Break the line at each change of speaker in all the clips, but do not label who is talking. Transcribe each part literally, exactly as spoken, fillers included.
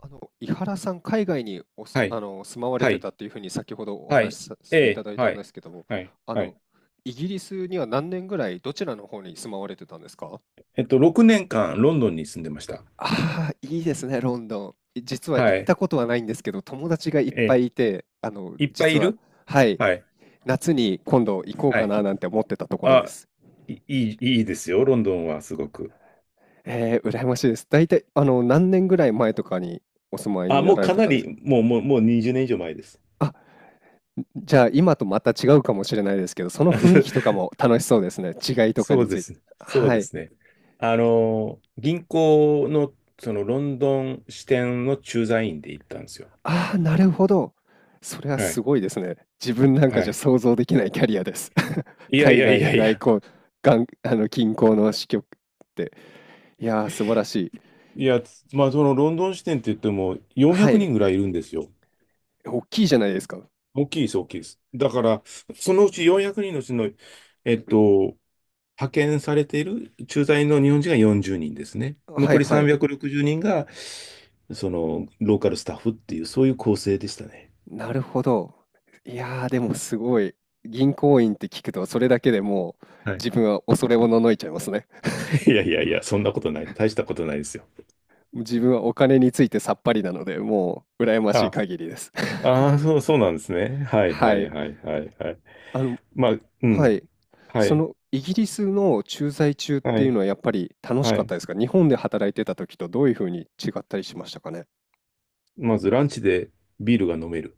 あの、井原さん、海外におす、
はい、
あの、住まわれ
は
て
い、
たっていうふうに先ほどお
は
話
い、
しさ
え
せていた
え、
だいた
は
んで
い、
すけども、
はい、
あ
は
の、
い。
イギリスには何年ぐらいどちらの方に住まわれてたんですか？
えっと、ろくねんかんロンドンに住んでました。
ああー、いいですね、ロンドン。実は行
は
っ
い、
たことはないんですけど、友達がいっ
え
ぱ
え、
いいて、あの、
いっぱい
実
い
は、
る
はい、
はい、
夏に今度行こう
は
か
い。
ななんて思ってたところで
あ、
す。
いいい、いいですよ、ロンドンはすごく。
えー、羨ましいです。大体、あの、何年ぐらい前とかにお住まい
あ、
にな
もう
られ
か
て
な
たんです
り、もう、もう、もうにじゅうねん以上前です。
か？じゃあ今とまた違うかもしれないですけど、その雰囲気とか も楽しそうですね。違いとか
そ
に
う
つ
で
いて。
すね。そう
は
で
い。
すね。あの、銀行の、そのロンドン支店の駐在員で行ったんですよ。
ああ、なるほど。それは
は
す
い。
ごいですね。自分なんか
は
じゃ
い。
想像できないキャリアです。
いやい
海
やい
外の
やい
外
や、
交、がんあの近郊の支局って。いやー、素晴らしい。
いや、つまあ、そのロンドン支店って言っても400
はい。
人ぐらいいるんですよ。
大きいじゃないですか。
大きいです、大きいです。だから、そのうちよんひゃくにんのうちの、えっと、派遣されている駐在の日本人がよんじゅうにんですね。
は
残
い
り
はい。
さんびゃくろくじゅうにんが、その、ローカルスタッフっていう、そういう構成でしたね。
なるほど。いやー、でもすごい。銀行員って聞くと、それだけでもう
はい。
自分は恐れおののいちゃいますね。
いやいやいや、そんなことない。大したことないですよ。
自分はお金についてさっぱりなので、もう羨ましい
は
限りです。
あ、ああ、そう、そうなんですね。はい
は
はい
い。
はいはいはい。
あの、
まあ、う
は
ん。
い。
は
そ
い、
のイギリスの駐在中っ
は
ていう
い、
のはやっぱり楽し
は
かっ
い。
たですか？日本で働いてた時とどういうふうに違ったりしましたかね？
まずランチでビールが飲める。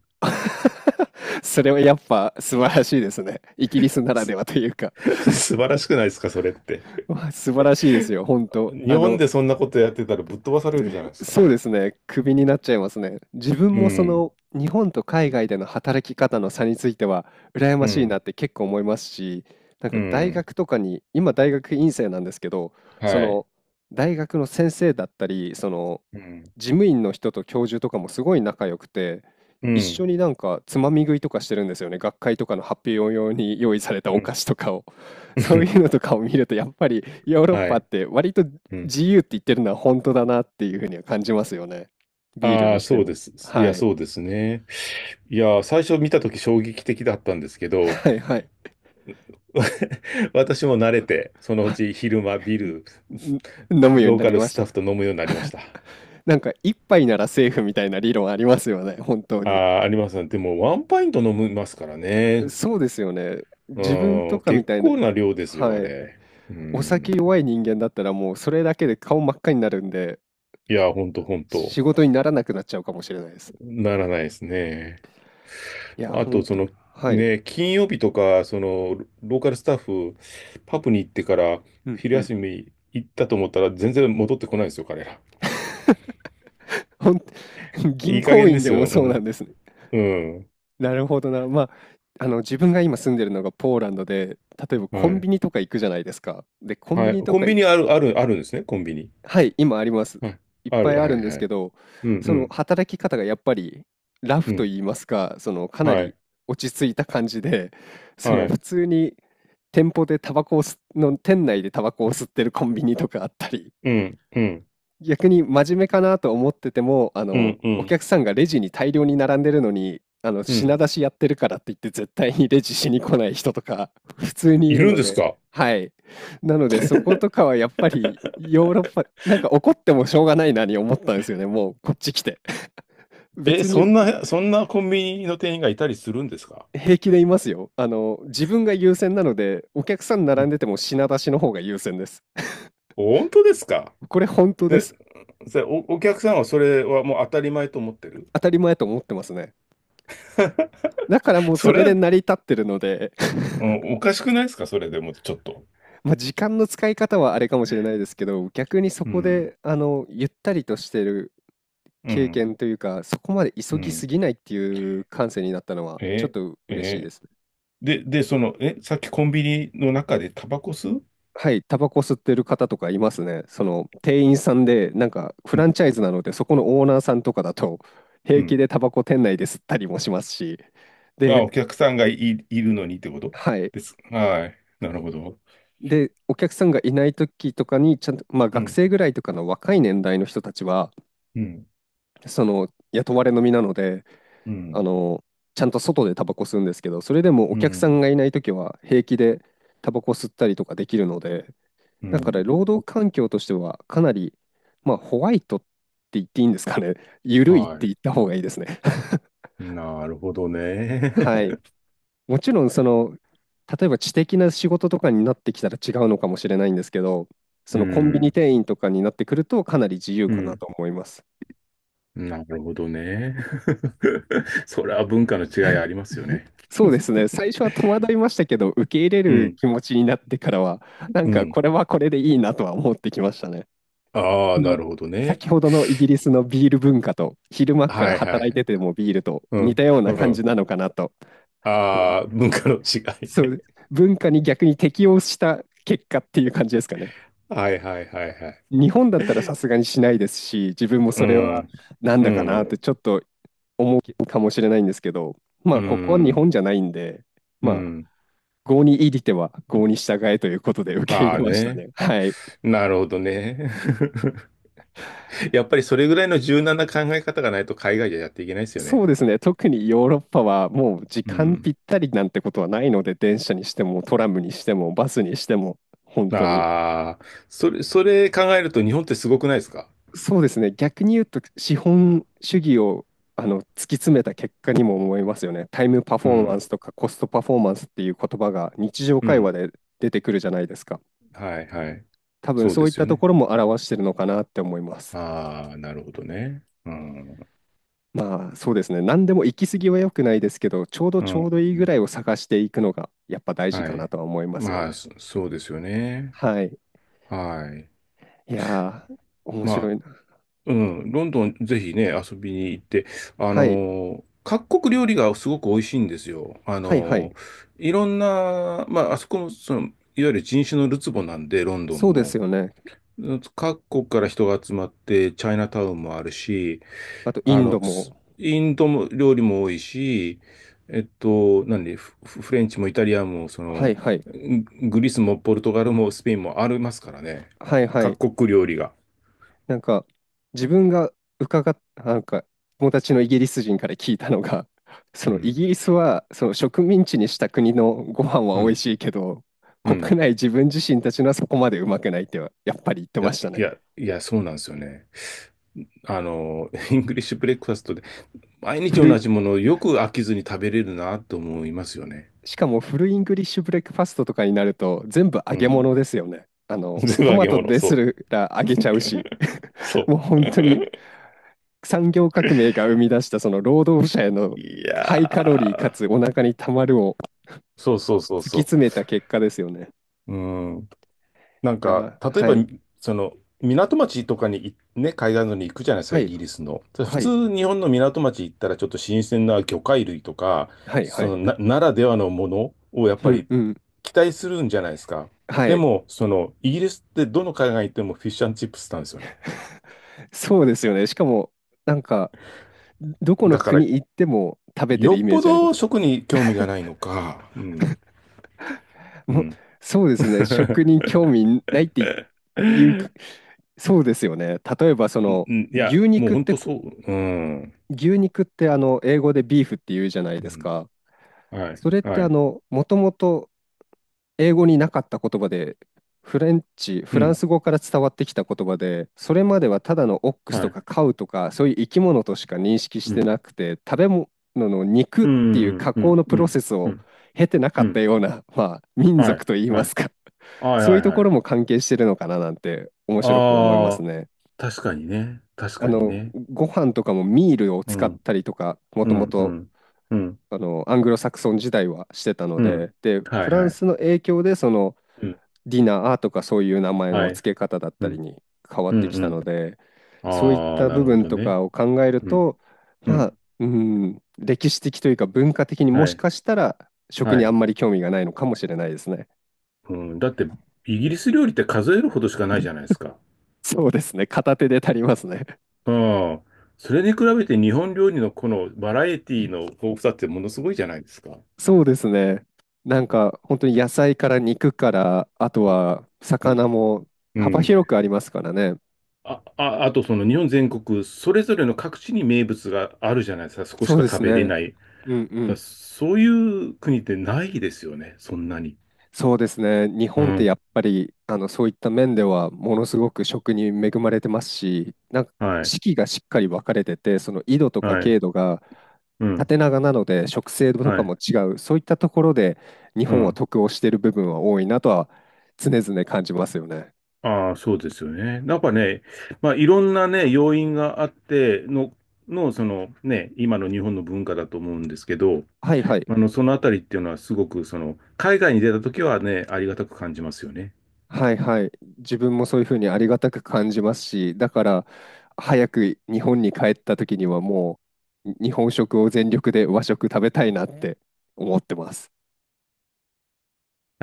それはやっぱ素晴らしいですね。イギリスならで
す、
はというか。
素晴らしくないですか、それって。
まあ素晴らしいですよ、本当。
日
あ
本
の、
でそんなことやってたらぶっ飛ばさ れる
で
じゃないですか。
そうですね。クビになっちゃいますね。自分
う
もそ
ん、
の日本と海外での働き方の差については羨
う
ましいなっ
ん、
て結構思いますし、なん
う
か大
ん、
学とかに、今大学院生なんですけど、そ
はい。
の大学の先生だったり、その
うん、
事務員の人と教授とかもすごい仲良くて、
う
一緒
ん、
になんかつまみ食いとかしてるんですよね。学会とかの発表用に用意されたお
うん、
菓子とかを。そういうの とかを見ると、やっぱりヨーロッ
は
パっ
い。
て割と
うん。
自由って言ってるのは本当だなっていうふうには感じますよね。ビール
あ
に
あ、
して
そう
も。
です。い
は
や、
い。
そうですね。いや、最初見たとき衝撃的だったんですけど、
はいはい。
私も慣れて、そのうち 昼間ビール、
ん飲むように
ロー
な
カ
り
ル
まし
ス
た
タッフ
か？
と飲むようになりました。
なんか一杯ならセーフみたいな理論ありますよね、本当
あ
に。
あ、ありますね。でも、ワンパイント飲みますからね。
そうですよね。自分
う
と
ん、
かみ
結
たいな、
構な量ですよ、あ
はい。
れ。う
お酒
ん。
弱い人間だったらもうそれだけで顔真っ赤になるんで、
いや、ほんとほんと。
仕事にならなくなっちゃうかもしれないです。
ならないですね。
いや、
あと、
本
そ
当。
の、
はい。
ね、金曜日とか、その、ロローカルスタッフ、パプに行ってから、
うん
昼
うん。
休み行ったと思ったら、全然戻ってこないですよ、彼ら。
ほん、
い
銀
い加
行
減で
員で
す
も
よ。う
そうなん
ん。
ですね。
うん。
なるほどな。まあ、あの、自分が今住んでるのがポーランドで、例えば
は
コン
い。
ビニとか行くじゃないですか。で、コン
は
ビ
い。
ニと
コ
か
ンビ
い、
ニある、ある、あるんですね、コンビニ。
はい、今あります。
はい。
いっ
あ
ぱ
る、
い
は
ある
い、
んです
は
け
い。
ど、
うん、う
その
ん、
働き方がやっぱりラ
う
フと
ん。
言いますか、そのかな
は
り
い、
落ち着いた感じで、そ
は
の普
い。
通に店舗でタバコを吸っの店内でタバコを吸ってるコンビニとかあったり、
うん、うん、
逆に真面目かなと思ってても、あ
う
の、
ん、う
お
ん。
客さんがレジに大量に並んでるのに、あの、
う
品
ん。
出しやってるからって言って絶対にレジしに来ない人とか、 普通に
い
いる
るん
の
です
で、
か？
はい。なので、そことかはやっぱりヨーロッパ、なんか怒ってもしょうがないなに思ったんですよね、もうこっち来て。
え、
別に
そんな、そんなコンビニの店員がいたりするんですか？
平気でいますよ。あの、自分が優先なので、お客さん
う
並ん
ん。
でても品出しの方が優先です。
本当ですか？
これ本当で
で、
す。
それお、お客さんはそれはもう当たり前と思ってる？
当たり前と思ってますね。だから もうそ
それ
れで
は、
成り立ってるので、
うん、おかしくないですかそれでもちょっと。
まあ、時間の使い方はあれかもしれないですけど、逆にそ
う
こ
ん、
で、あの、ゆったりとしてる
う
経
ん、
験というか、そこまで
う
急ぎす
ん。
ぎないっていう感性になったのは、ちょっ
え、
と嬉しい
え、
です。
で、で、その、え、さっきコンビニの中でタバコ吸う？
はい、タバコ吸ってる方とかいますね。その、店員さんで、なんか、フ
う
ラ
ん、
ンチャイズなので、そこのオーナーさんとかだと、
う
平気
ん。
でタバコ店内で吸ったりもしますし、
あ、
で、
お客さんがい、いるのにってこと
はい。
です。はい。なるほど。
で、お客さんがいない時とかに、ちゃんと、まあ、
う
学
ん、
生ぐらいとかの若い年代の人たちは、
うん、
その、雇われの身なので、
う
あ
ん、
の、ちゃんと外でタバコ吸うんですけど、それでもお
う
客さ
ん、
んがいないときは平気でタバコ吸ったりとかできるので、
う
だから
ん。
労働環境としてはかなり、まあ、ホワイトって言っていいんですかね。緩いっ
は
て言
い。
った方がいいですね。
なるほどね。
はい。もちろん、その、例えば知的な仕事とかになってきたら違うのかもしれないんですけど、そ
う
のコンビニ
ん。
店員とかになってくるとかなり自由
う
かな
ん。
と思います。
なるほどね。それは文化の違いありますよ ね。
そうですね。最初は戸惑いましたけど、受け入れ
う
る
ん。
気持ちになってからは、なん
う
か
ん。
これはこれでいいなとは思ってきましたね。
あ
あ
あ、な
の
るほどね。
先ほどのイギリスのビール文化と、昼間か
は
ら
いは
働いて
い。
てもビールと
う
似
ん。
たよう
う
な感じ
ん。
なのかなと。
ああ、文化の違い
そ
ね。
う、文化に逆に適応した結果っていう感じですかね。
はいはいはいはい。
日本だったらさすがにしないですし、自分も
う
それは
ん。
なん
う
だかなっ
ん。
てちょっと思うかもしれないんですけど、ま
う
あここは日本
ん。
じゃないんで、
う
まあ
ん。
郷に入りては郷に従えということで受け
あ
入
あ
れました
ね。
ね。はい。
なるほどね。やっぱりそれぐらいの柔軟な考え方がないと海外じゃやっていけないですよ
そ
ね。
うですね。特にヨーロッパはもう時
う
間
ん。
ぴったりなんてことはないので、電車にしてもトラムにしてもバスにしても本当に。
ああ、それ、それ考えると日本ってすごくないですか？
そうですね。逆に言うと資本主義をあの突き詰めた結果にも思いますよね。タイムパフ
う
ォーマン
ん。
スとかコストパフォーマンスっていう言葉が日常
う
会話
ん。
で出てくるじゃないですか。
はい、はい。
多分
そう
そ
で
ういっ
すよ
たと
ね。
ころも表してるのかなって思います。
ああ、なるほどね。うん。
まあそうですね。何でも行き過ぎは良くないですけど、ちょうど
う
ちょう
ん。
どいいぐらいを探していくのがやっぱ大事
は
かな
い。
とは思いますよ
まあ、
ね。
そそうですよね。
はい。
はい。
いやー、面
ま
白
あ、
いな。
うん。ロンドン、ぜひね、遊びに行って、あの
はい。
ー各国料理がすごく美味しいんですよ。あ
はいは
のー
い。
いろんな、まあ、あそこの、その、いわゆる人種のるつぼなんで、ロンドン
そうです
も。
よね。
各国から人が集まって、チャイナタウンもあるし、
あとイ
あ
ン
の、
ド
ス
も。
インドも料理も多いし、えっと、何、フフレンチもイタリアンも、そ
は
の、
いはい。
ググリスもポルトガルもスペインもありますからね。
はいはい。
各国料理が。
なんか自分が伺っ、なんか友達のイギリス人から聞いたのが、そ
う
のイ
ん。
ギリスはその植民地にした国のご飯は
う
美味
ん。
しいけど、
うん。
国内自分自身たちのはそこまでうまくないってはやっぱり言って
いや、
ました
い
ね。
や、いや、そうなんですよね。あの、イングリッシュブレックファストで、毎日
古
同
い、
じものをよく飽きずに食べれるなと思いますよね。
しかもフルイングリッシュブレックファストとかになると全部揚
う
げ
ん。
物ですよね。あ の、
全部
ト
揚
マ
げ
ト
物、
です
そ
ら揚
う。
げちゃうし、
そ
もう
う。
本当に産業革命 が生み出したその労働者への
い
ハイカロリーか
や
つ
ー
お腹にたまるを
そうそうそう
突き
そ
詰めた結果ですよね。
う。うん。なん
いや
か、
ー、
例え
は
ば、
い、
その、港町とかにい、ね、海岸沿いに行くじゃないですか、
は
イ
い、
ギリスの。ただ普
はい、
通、日本の港町行ったら、ちょっと新鮮な魚介類とか、
はい、は
そ
い。
のな、ならではのものをやっ
う
ぱ
ん、
り
うん、
期待するんじゃないですか。
は
で
い。
も、その、イギリスってどの海岸行ってもフィッシュチップスなんですよね。
そうですよね。しかも、なんか、どこの
だから、
国行っても食べてる
よ
イ
っ
メー
ぽ
ジありま
ど
す。
食に興味がないのか。うん。う
もう
ん。
そうですね。食に興味ないって言っいうく、そうですよね。例えば、そ
うん、
の、
うんいや、
牛
もう
肉っ
本
て
当そ
こ、
う。うん。
牛肉ってあの、英語でビーフって言うじゃない
う
です
ん。
か。
はい。
それって
は
あ
い。
の、もともと英語になかった言葉で、フレンチ、
う
フラン
ん。
ス語から伝わってきた言葉で、それまではただのオックス
は
と
い。
かカウとか、そういう生き物としか認識し
う
て
ん。
なくて、食べ物の肉
う
っていう
ん。うん。
加
う
工
ん。
のプ
う
ロ
ん。
セスを経てなか
う
った
ん。
ような、まあ、民
はい。
族といい
は
ま
い。
すか。
はい。
そう
は
いう
い。
とこ
は
ろ
い。
も関係してるのかななんて面白く思います
ああ、
ね。
確かにね。確
あ
かに
の、
ね。
ご飯とかもミールを
う
使っ
ん。
たりとか、も
う
とも
ん。う
と、
ん。うん。
あの、アングロサクソン時代はしてたの
うん。
で、で、
は
フ
い。
ラ
は
ン
い。
スの影響で、その、
うん。
ディナーとかそういう名前の
はい。
付け方だっ
う
たり
ん。
に変わっ
う
て
ん。
きたので、
う
そういっ
ん。ああ、
た
な
部
るほ
分
ど
と
ね。
かを考える
うん。
と、
う
まあ、
ん。
うん、歴史的というか文化的にも
は
し
い。
かしたら食
は
にあ
い。
んまり興味がないのかもしれないですね。
うん。だって、イギリス料理って数えるほどしかないじゃないですか。
そうですね。片手で足りますね。
ああ、それに比べて日本料理のこのバラエティの豊富さってものすごいじゃないですか。
そうですね。なんか本当に野菜から肉から、あとは
うん
魚も
う
幅
ん。
広くありますからね。
あ、あ、あとその日本全国、それぞれの各地に名物があるじゃないですか。そこし
そう
か
で
食
す
べれ
ね。
ない。
うんう
だ
ん。
そういう国ってないですよね。そんなに。
そうですね。日
う
本って
ん。
やっぱりあのそういった面ではものすごく食に恵まれてますし、なんか
はい。
四季がしっかり分かれてて、その緯度とか
はい。
経度が
うん。
縦長なので食性と
は
か
い。
も違う、そういったところで日
う
本は
ん。
得をしている部分は多いなとは常々感じますよね。
ああ、そうですよね。なんかね、まあ、いろんなね、要因があっての、の、そのね、今の日本の文化だと思うんですけど、
はいはい。
まあの、そのあたりっていうのはすごく、その、海外に出た時はね、ありがたく感じますよね。
はいはい。自分もそういうふうにありがたく感じますし、だから早く日本に帰った時にはもう日本食を全力で和食食べたいなって思ってます。